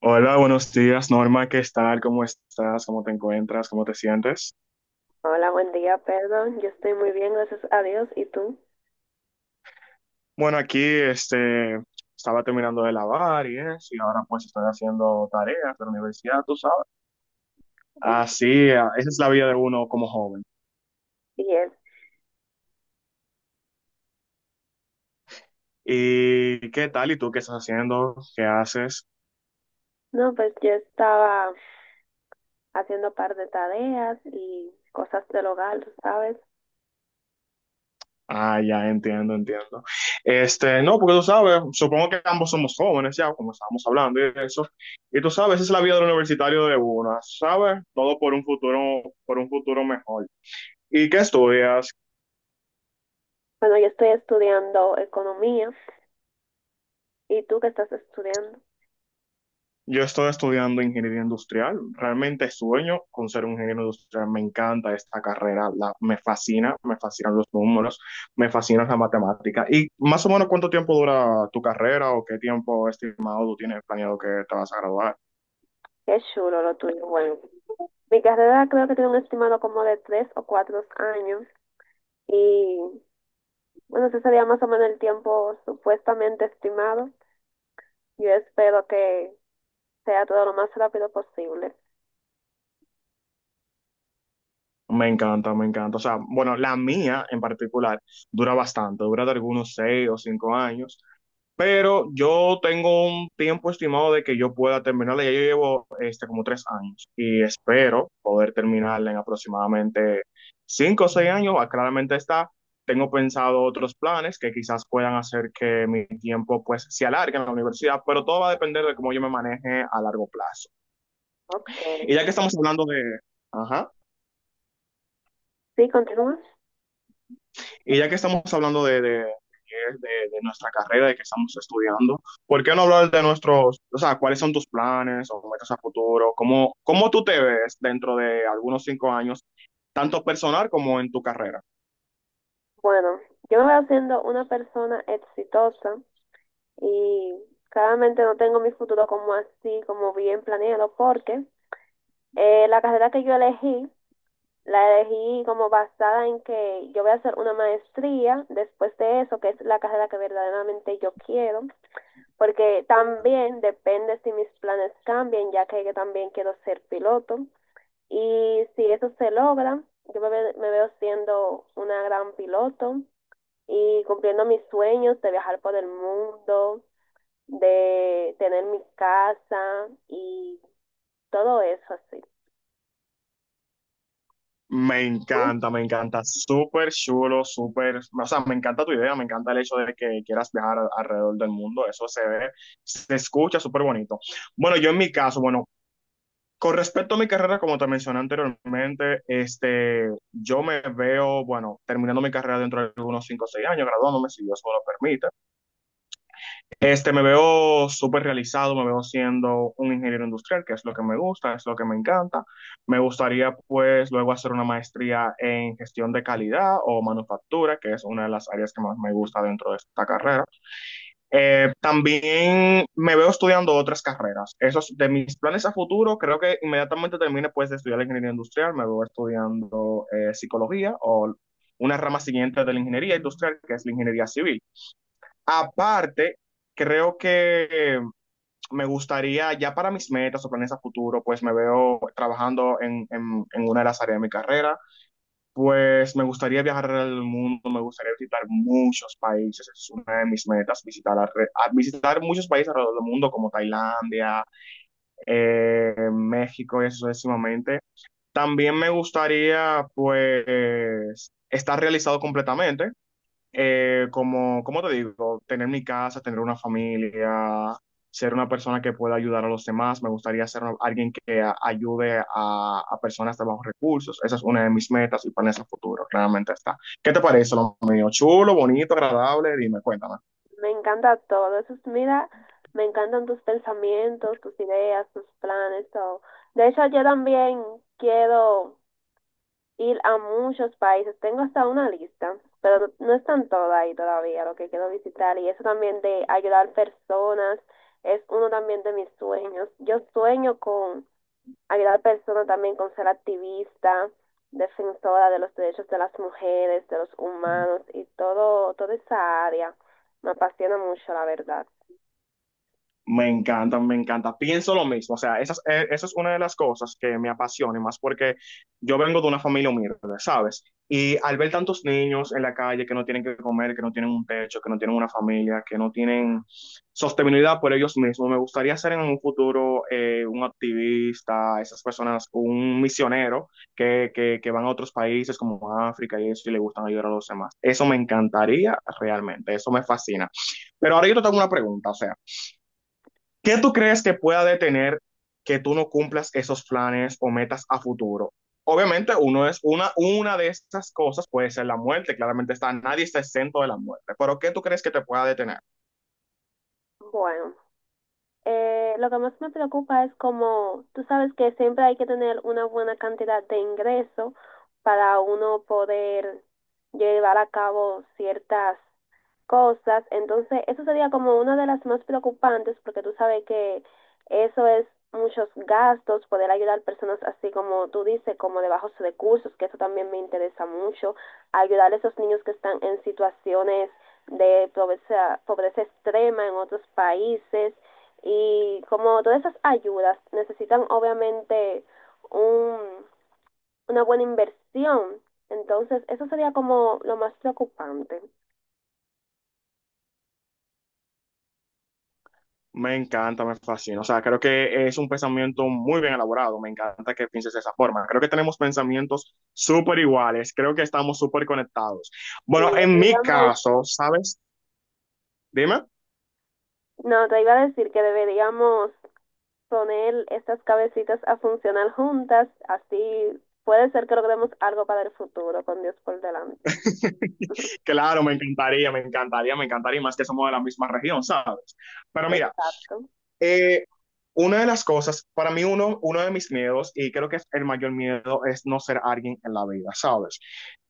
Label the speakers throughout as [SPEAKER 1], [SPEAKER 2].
[SPEAKER 1] Hola, buenos días, Norma, ¿qué tal? ¿Cómo estás? ¿Cómo te encuentras? ¿Cómo te sientes?
[SPEAKER 2] Hola, buen día, perdón. Yo estoy muy bien, gracias a Dios. ¿Y tú?
[SPEAKER 1] Bueno, aquí estaba terminando de lavar y eso, y ahora pues estoy haciendo tareas de la universidad, tú sabes. Así, ah, esa es la vida de uno como joven.
[SPEAKER 2] Bien.
[SPEAKER 1] ¿Y qué tal? ¿Y tú qué estás haciendo? ¿Qué haces?
[SPEAKER 2] No, pues yo estaba haciendo un par de tareas y cosas del hogar, tú ¿sabes?
[SPEAKER 1] Ah, ya entiendo, entiendo. No, porque tú sabes, supongo que ambos somos jóvenes ya, como estábamos hablando y eso. Y tú sabes, esa es la vida del universitario de uno, ¿sabes? Todo por un futuro mejor. ¿Y qué estudias?
[SPEAKER 2] Bueno, yo estoy estudiando economía. ¿Y tú qué estás estudiando?
[SPEAKER 1] Yo estoy estudiando ingeniería industrial. Realmente sueño con ser un ingeniero industrial. Me encanta esta carrera, me fascina, me fascinan los números, me fascina la matemática. ¿Y más o menos cuánto tiempo dura tu carrera o qué tiempo estimado tú tienes planeado que te vas a graduar?
[SPEAKER 2] Qué chulo lo tuyo. Bueno, mi carrera creo que tiene un estimado como de 3 o 4 años. Y bueno, ese sería más o menos el tiempo supuestamente estimado. Yo espero que sea todo lo más rápido posible.
[SPEAKER 1] Me encanta, me encanta. O sea, bueno, la mía en particular dura bastante, dura de algunos 6 o 5 años. Pero yo tengo un tiempo estimado de que yo pueda terminarla. Ya yo llevo como 3 años y espero poder terminarla en aproximadamente 5 o 6 años. Ah, claramente está. Tengo pensado otros planes que quizás puedan hacer que mi tiempo pues se alargue en la universidad, pero todo va a depender de cómo yo me maneje a largo plazo.
[SPEAKER 2] Ok.
[SPEAKER 1] Y ya que estamos hablando de. Ajá.
[SPEAKER 2] Sí, continúa.
[SPEAKER 1] Y ya que estamos hablando de nuestra carrera, de que estamos estudiando, ¿por qué no hablar de nuestros, o sea, cuáles son tus planes o metas a futuro? ¿Cómo, cómo tú te ves dentro de algunos 5 años, tanto personal como en tu carrera?
[SPEAKER 2] Bueno, yo me veo siendo una persona exitosa y claramente no tengo mi futuro como así, como bien planeado, porque la carrera que yo elegí, la elegí como basada en que yo voy a hacer una maestría después de eso, que es la carrera que verdaderamente yo quiero, porque también depende si mis planes cambian, ya que yo también quiero ser piloto. Y si eso se logra, yo me veo siendo una gran piloto y cumpliendo mis sueños de viajar por el mundo, de tener mi casa y todo eso así. ¿Tú?
[SPEAKER 1] Me encanta, súper chulo, súper, o sea, me encanta tu idea, me encanta el hecho de que quieras viajar alrededor del mundo, eso se ve, se escucha súper bonito. Bueno, yo en mi caso, bueno, con respecto a mi carrera, como te mencioné anteriormente, yo me veo, bueno, terminando mi carrera dentro de unos 5, o 6 años, graduándome, si Dios me lo permite. Me veo súper realizado, me veo siendo un ingeniero industrial, que es lo que me gusta, es lo que me encanta. Me gustaría, pues, luego hacer una maestría en gestión de calidad o manufactura, que es una de las áreas que más me gusta dentro de esta carrera. También me veo estudiando otras carreras. Esos de mis planes a futuro, creo que inmediatamente termine, pues, de estudiar la ingeniería industrial, me veo estudiando psicología o una rama siguiente de la ingeniería industrial, que es la ingeniería civil. Aparte, creo que me gustaría, ya para mis metas o planes a futuro, pues me veo trabajando en una de las áreas de mi carrera, pues me gustaría viajar al mundo, me gustaría visitar muchos países, es una de mis metas, visitar, visitar muchos países alrededor del mundo, como Tailandia, México y eso sucesivamente. También me gustaría, pues, estar realizado completamente como, como te digo, tener mi casa, tener una familia, ser una persona que pueda ayudar a los demás. Me gustaría ser alguien que ayude a personas de bajos recursos. Esa es una de mis metas y planes a futuro, claramente está. ¿Qué te parece lo mío? Chulo, bonito, agradable, dime, cuéntame.
[SPEAKER 2] Me encanta todo eso. Mira, me encantan tus pensamientos, tus ideas, tus planes, todo. De hecho, yo también quiero ir a muchos países. Tengo hasta una lista, pero no están todas ahí todavía lo que quiero visitar. Y eso también de ayudar personas es uno también de mis sueños. Yo sueño con ayudar personas también con ser activista, defensora de los derechos de las mujeres, de los humanos y todo, toda esa área. Me apasiona mucho, la verdad.
[SPEAKER 1] Me encanta, me encanta. Pienso lo mismo. O sea, esa, esa es una de las cosas que me apasiona, y más porque yo vengo de una familia humilde, ¿sabes? Y al ver tantos niños en la calle que no tienen que comer, que no tienen un techo, que no tienen una familia, que no tienen sostenibilidad por ellos mismos, me gustaría ser en un futuro un activista, esas personas, un misionero que van a otros países como África y eso y le gustan ayudar a los demás. Eso me encantaría realmente, eso me fascina. Pero ahora yo te tengo una pregunta, o sea. ¿Qué tú crees que pueda detener que tú no cumplas esos planes o metas a futuro? Obviamente, uno es una de esas cosas puede ser la muerte. Claramente está, nadie está exento de la muerte. Pero ¿qué tú crees que te pueda detener?
[SPEAKER 2] Bueno, lo que más me preocupa es como, tú sabes que siempre hay que tener una buena cantidad de ingreso para uno poder llevar a cabo ciertas cosas. Entonces, eso sería como una de las más preocupantes porque tú sabes que eso es muchos gastos, poder ayudar personas así como tú dices, como de bajos recursos, que eso también me interesa mucho, ayudar a esos niños que están en situaciones de pobreza, pobreza extrema en otros países y como todas esas ayudas necesitan obviamente un, una buena inversión. Entonces, eso sería como lo más preocupante.
[SPEAKER 1] Me encanta, me fascina. O sea, creo que es un pensamiento muy bien elaborado. Me encanta que pienses de esa forma. Creo que tenemos pensamientos súper iguales. Creo que estamos súper conectados.
[SPEAKER 2] Y
[SPEAKER 1] Bueno,
[SPEAKER 2] de
[SPEAKER 1] en mi
[SPEAKER 2] verdad no
[SPEAKER 1] caso, ¿sabes? Dime.
[SPEAKER 2] No, te iba a decir que deberíamos poner estas cabecitas a funcionar juntas, así puede ser que logremos algo para el futuro, con Dios por delante.
[SPEAKER 1] Claro, me encantaría, me encantaría, me encantaría, y más que somos de la misma región, ¿sabes? Pero mira,
[SPEAKER 2] Exacto,
[SPEAKER 1] eh, una de las cosas, para mí uno de mis miedos, y creo que es el mayor miedo, es no ser alguien en la vida, ¿sabes?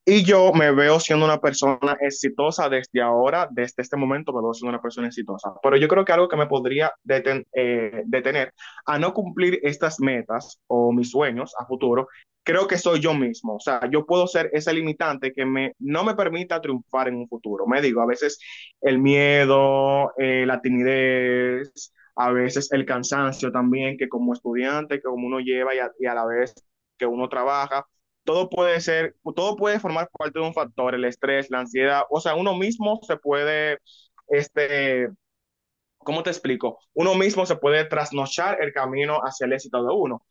[SPEAKER 1] Y yo me veo siendo una persona exitosa desde ahora, desde este momento me veo siendo una persona exitosa. Pero yo creo que algo que me podría detener a no cumplir estas metas o mis sueños a futuro, creo que soy yo mismo. O sea, yo puedo ser ese limitante que me, no me permita triunfar en un futuro. Me digo, a veces el miedo, la timidez, a veces el cansancio también, que como estudiante, que como uno lleva y a la vez que uno trabaja todo puede ser, todo puede formar parte de un factor, el estrés, la ansiedad, o sea, uno mismo se puede, este, ¿cómo te explico? Uno mismo se puede trasnochar el camino hacia el éxito de uno.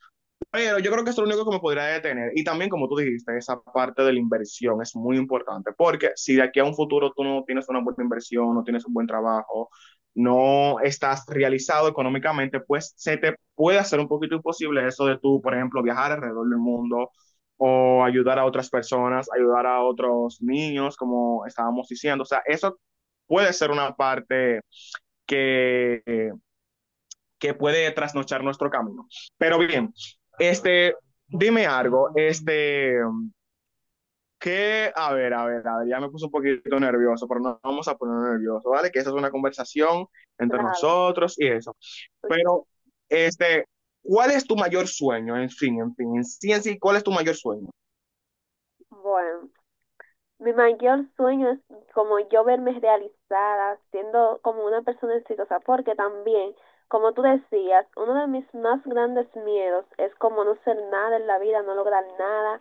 [SPEAKER 1] Pero yo creo que eso es lo único que me podría detener. Y también, como tú dijiste, esa parte de la inversión es muy importante, porque si de aquí a un futuro tú no tienes una buena inversión, no tienes un buen trabajo, no estás realizado económicamente, pues se te puede hacer un poquito imposible eso de tú, por ejemplo, viajar alrededor del mundo o ayudar a otras personas, ayudar a otros niños, como estábamos diciendo. O sea, eso puede ser una parte que... eh, que puede trasnochar nuestro camino. Pero bien, este, dime algo, que, a ver, a ver, a ver, ya me puse un poquito nervioso, pero no vamos a poner nervioso, ¿vale? Que esa es una conversación entre
[SPEAKER 2] claro.
[SPEAKER 1] nosotros y eso.
[SPEAKER 2] Pues,
[SPEAKER 1] Pero, este, ¿cuál es tu mayor sueño? En fin, en fin, en sí, ¿cuál es tu mayor sueño?
[SPEAKER 2] bueno, mi mayor sueño es como yo verme realizada, siendo como una persona exitosa, porque también, como tú decías, uno de mis más grandes miedos es como no ser nada en la vida, no lograr nada,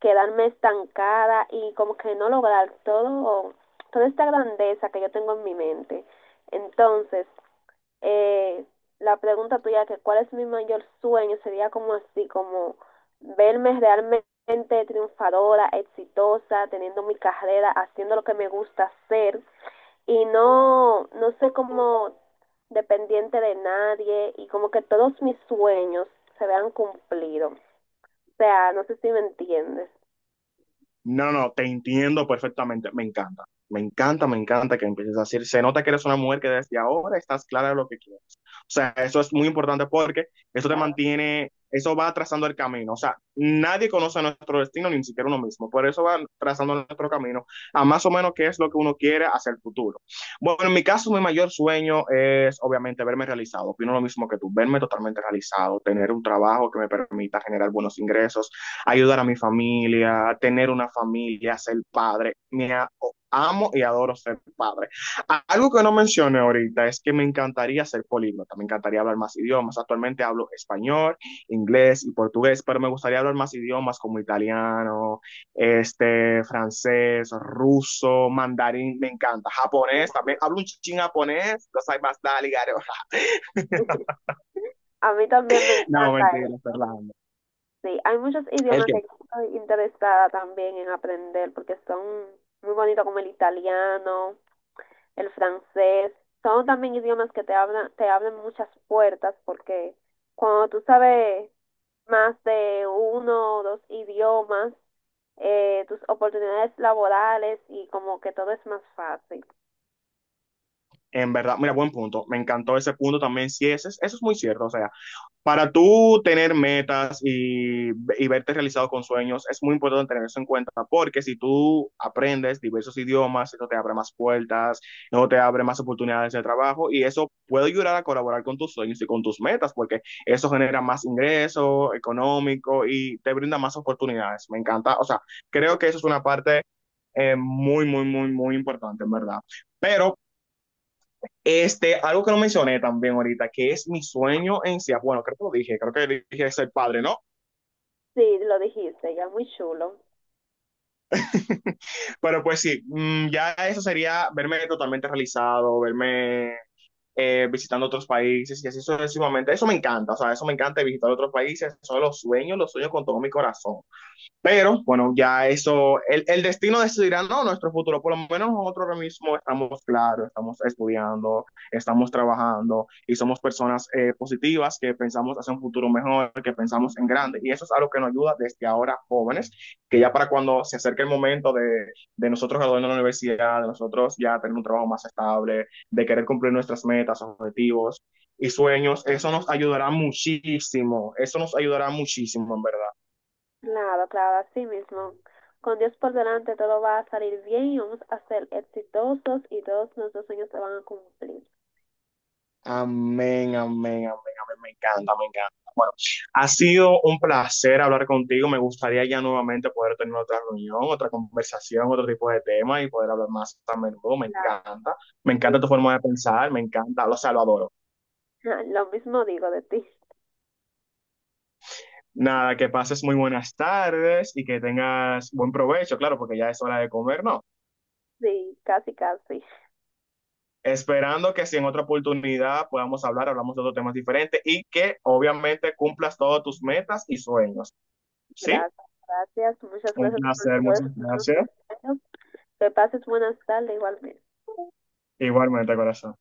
[SPEAKER 2] quedarme estancada y como que no lograr todo, toda esta grandeza que yo tengo en mi mente. Entonces, eh, la pregunta tuya, que cuál es mi mayor sueño, sería como así, como verme realmente triunfadora, exitosa, teniendo mi carrera, haciendo lo que me gusta hacer y no, no sé como dependiente de nadie y como que todos mis sueños se vean cumplidos. O sea, no sé si me entiendes.
[SPEAKER 1] No, no, te entiendo perfectamente. Me encanta, me encanta, me encanta que empieces a decir, se nota que eres una mujer que desde ahora estás clara de lo que quieres. O sea, eso es muy importante porque eso te
[SPEAKER 2] Claro.
[SPEAKER 1] mantiene, eso va trazando el camino. O sea, nadie conoce nuestro destino, ni siquiera uno mismo. Por eso va trazando nuestro camino a más o menos qué es lo que uno quiere hacia el futuro. Bueno, en mi caso, mi mayor sueño es obviamente verme realizado. Opino lo mismo que tú, verme totalmente realizado, tener un trabajo que me permita generar buenos ingresos, ayudar a mi familia, tener una familia, ser padre. Amo y adoro ser padre. Algo que no mencioné ahorita es que me encantaría ser políglota, me encantaría hablar más idiomas. Actualmente hablo español, inglés y portugués, pero me gustaría hablar más idiomas como italiano, francés, ruso, mandarín, me encanta, japonés, también hablo un ching japonés, no soy más dale, garo.
[SPEAKER 2] A mí también me
[SPEAKER 1] No,
[SPEAKER 2] encanta
[SPEAKER 1] mentira,
[SPEAKER 2] esto.
[SPEAKER 1] Fernando.
[SPEAKER 2] Sí, hay muchos
[SPEAKER 1] ¿El
[SPEAKER 2] idiomas
[SPEAKER 1] qué?
[SPEAKER 2] que estoy interesada también en aprender porque son muy bonitos como el italiano, el francés. Son también idiomas que te hablan, te abren muchas puertas porque cuando tú sabes más de uno o dos idiomas, tus oportunidades laborales y como que todo es más fácil.
[SPEAKER 1] En verdad, mira, buen punto. Me encantó ese punto también. Sí, ese, eso es muy cierto. O sea, para tú tener metas y verte realizado con sueños, es muy importante tener eso en cuenta, porque si tú aprendes diversos idiomas, eso te abre más puertas, eso te abre más oportunidades de trabajo y eso puede ayudar a colaborar con tus sueños y con tus metas, porque eso genera más ingreso económico y te brinda más oportunidades. Me encanta. O sea, creo que eso es una parte muy, muy, muy, muy importante, en verdad. Pero algo que no mencioné también ahorita, que es mi sueño en sí. Bueno, creo que lo dije, creo que dije ser padre, ¿no?
[SPEAKER 2] Sí, lo dijiste, ya muy chulo.
[SPEAKER 1] Pero pues sí, ya eso sería verme totalmente realizado, verme visitando otros países y así sucesivamente. Eso me encanta, o sea, eso me encanta visitar otros países. Son los sueños con todo mi corazón. Pero bueno, ya eso, el destino decidirá no nuestro futuro, por lo menos nosotros ahora mismo estamos claros, estamos estudiando, estamos trabajando y somos personas positivas que pensamos hacia un futuro mejor, que pensamos en grande. Y eso es algo que nos ayuda desde ahora jóvenes, que ya para cuando se acerque el momento de nosotros graduarnos de la universidad, de nosotros ya tener un trabajo más estable, de querer cumplir nuestras metas, objetivos y sueños, eso nos ayudará muchísimo, eso nos ayudará muchísimo en verdad.
[SPEAKER 2] Claro, claro, así mismo. Con Dios por delante todo va a salir bien y vamos a ser exitosos y todos nuestros sueños se van a cumplir.
[SPEAKER 1] Amén, amén, amén, amén. Me encanta, me encanta. Bueno, ha sido un placer hablar contigo. Me gustaría ya nuevamente poder tener otra reunión, otra conversación, otro tipo de tema y poder hablar más a menudo. Me
[SPEAKER 2] Claro,
[SPEAKER 1] encanta. Me
[SPEAKER 2] muy-
[SPEAKER 1] encanta tu forma de pensar, me encanta. O sea, lo adoro.
[SPEAKER 2] Lo mismo digo de ti.
[SPEAKER 1] Nada, que pases muy buenas tardes y que tengas buen provecho, claro, porque ya es hora de comer, ¿no?
[SPEAKER 2] Sí, casi, casi.
[SPEAKER 1] Esperando que si en otra oportunidad podamos hablar, hablamos de otros temas diferentes y que obviamente cumplas todos tus metas y sueños, ¿sí?
[SPEAKER 2] Gracias, gracias. Muchas
[SPEAKER 1] Un
[SPEAKER 2] gracias por
[SPEAKER 1] placer,
[SPEAKER 2] todos
[SPEAKER 1] muchas
[SPEAKER 2] esos buenos
[SPEAKER 1] gracias.
[SPEAKER 2] deseos. Que pases buenas tardes igualmente.
[SPEAKER 1] Igualmente, corazón.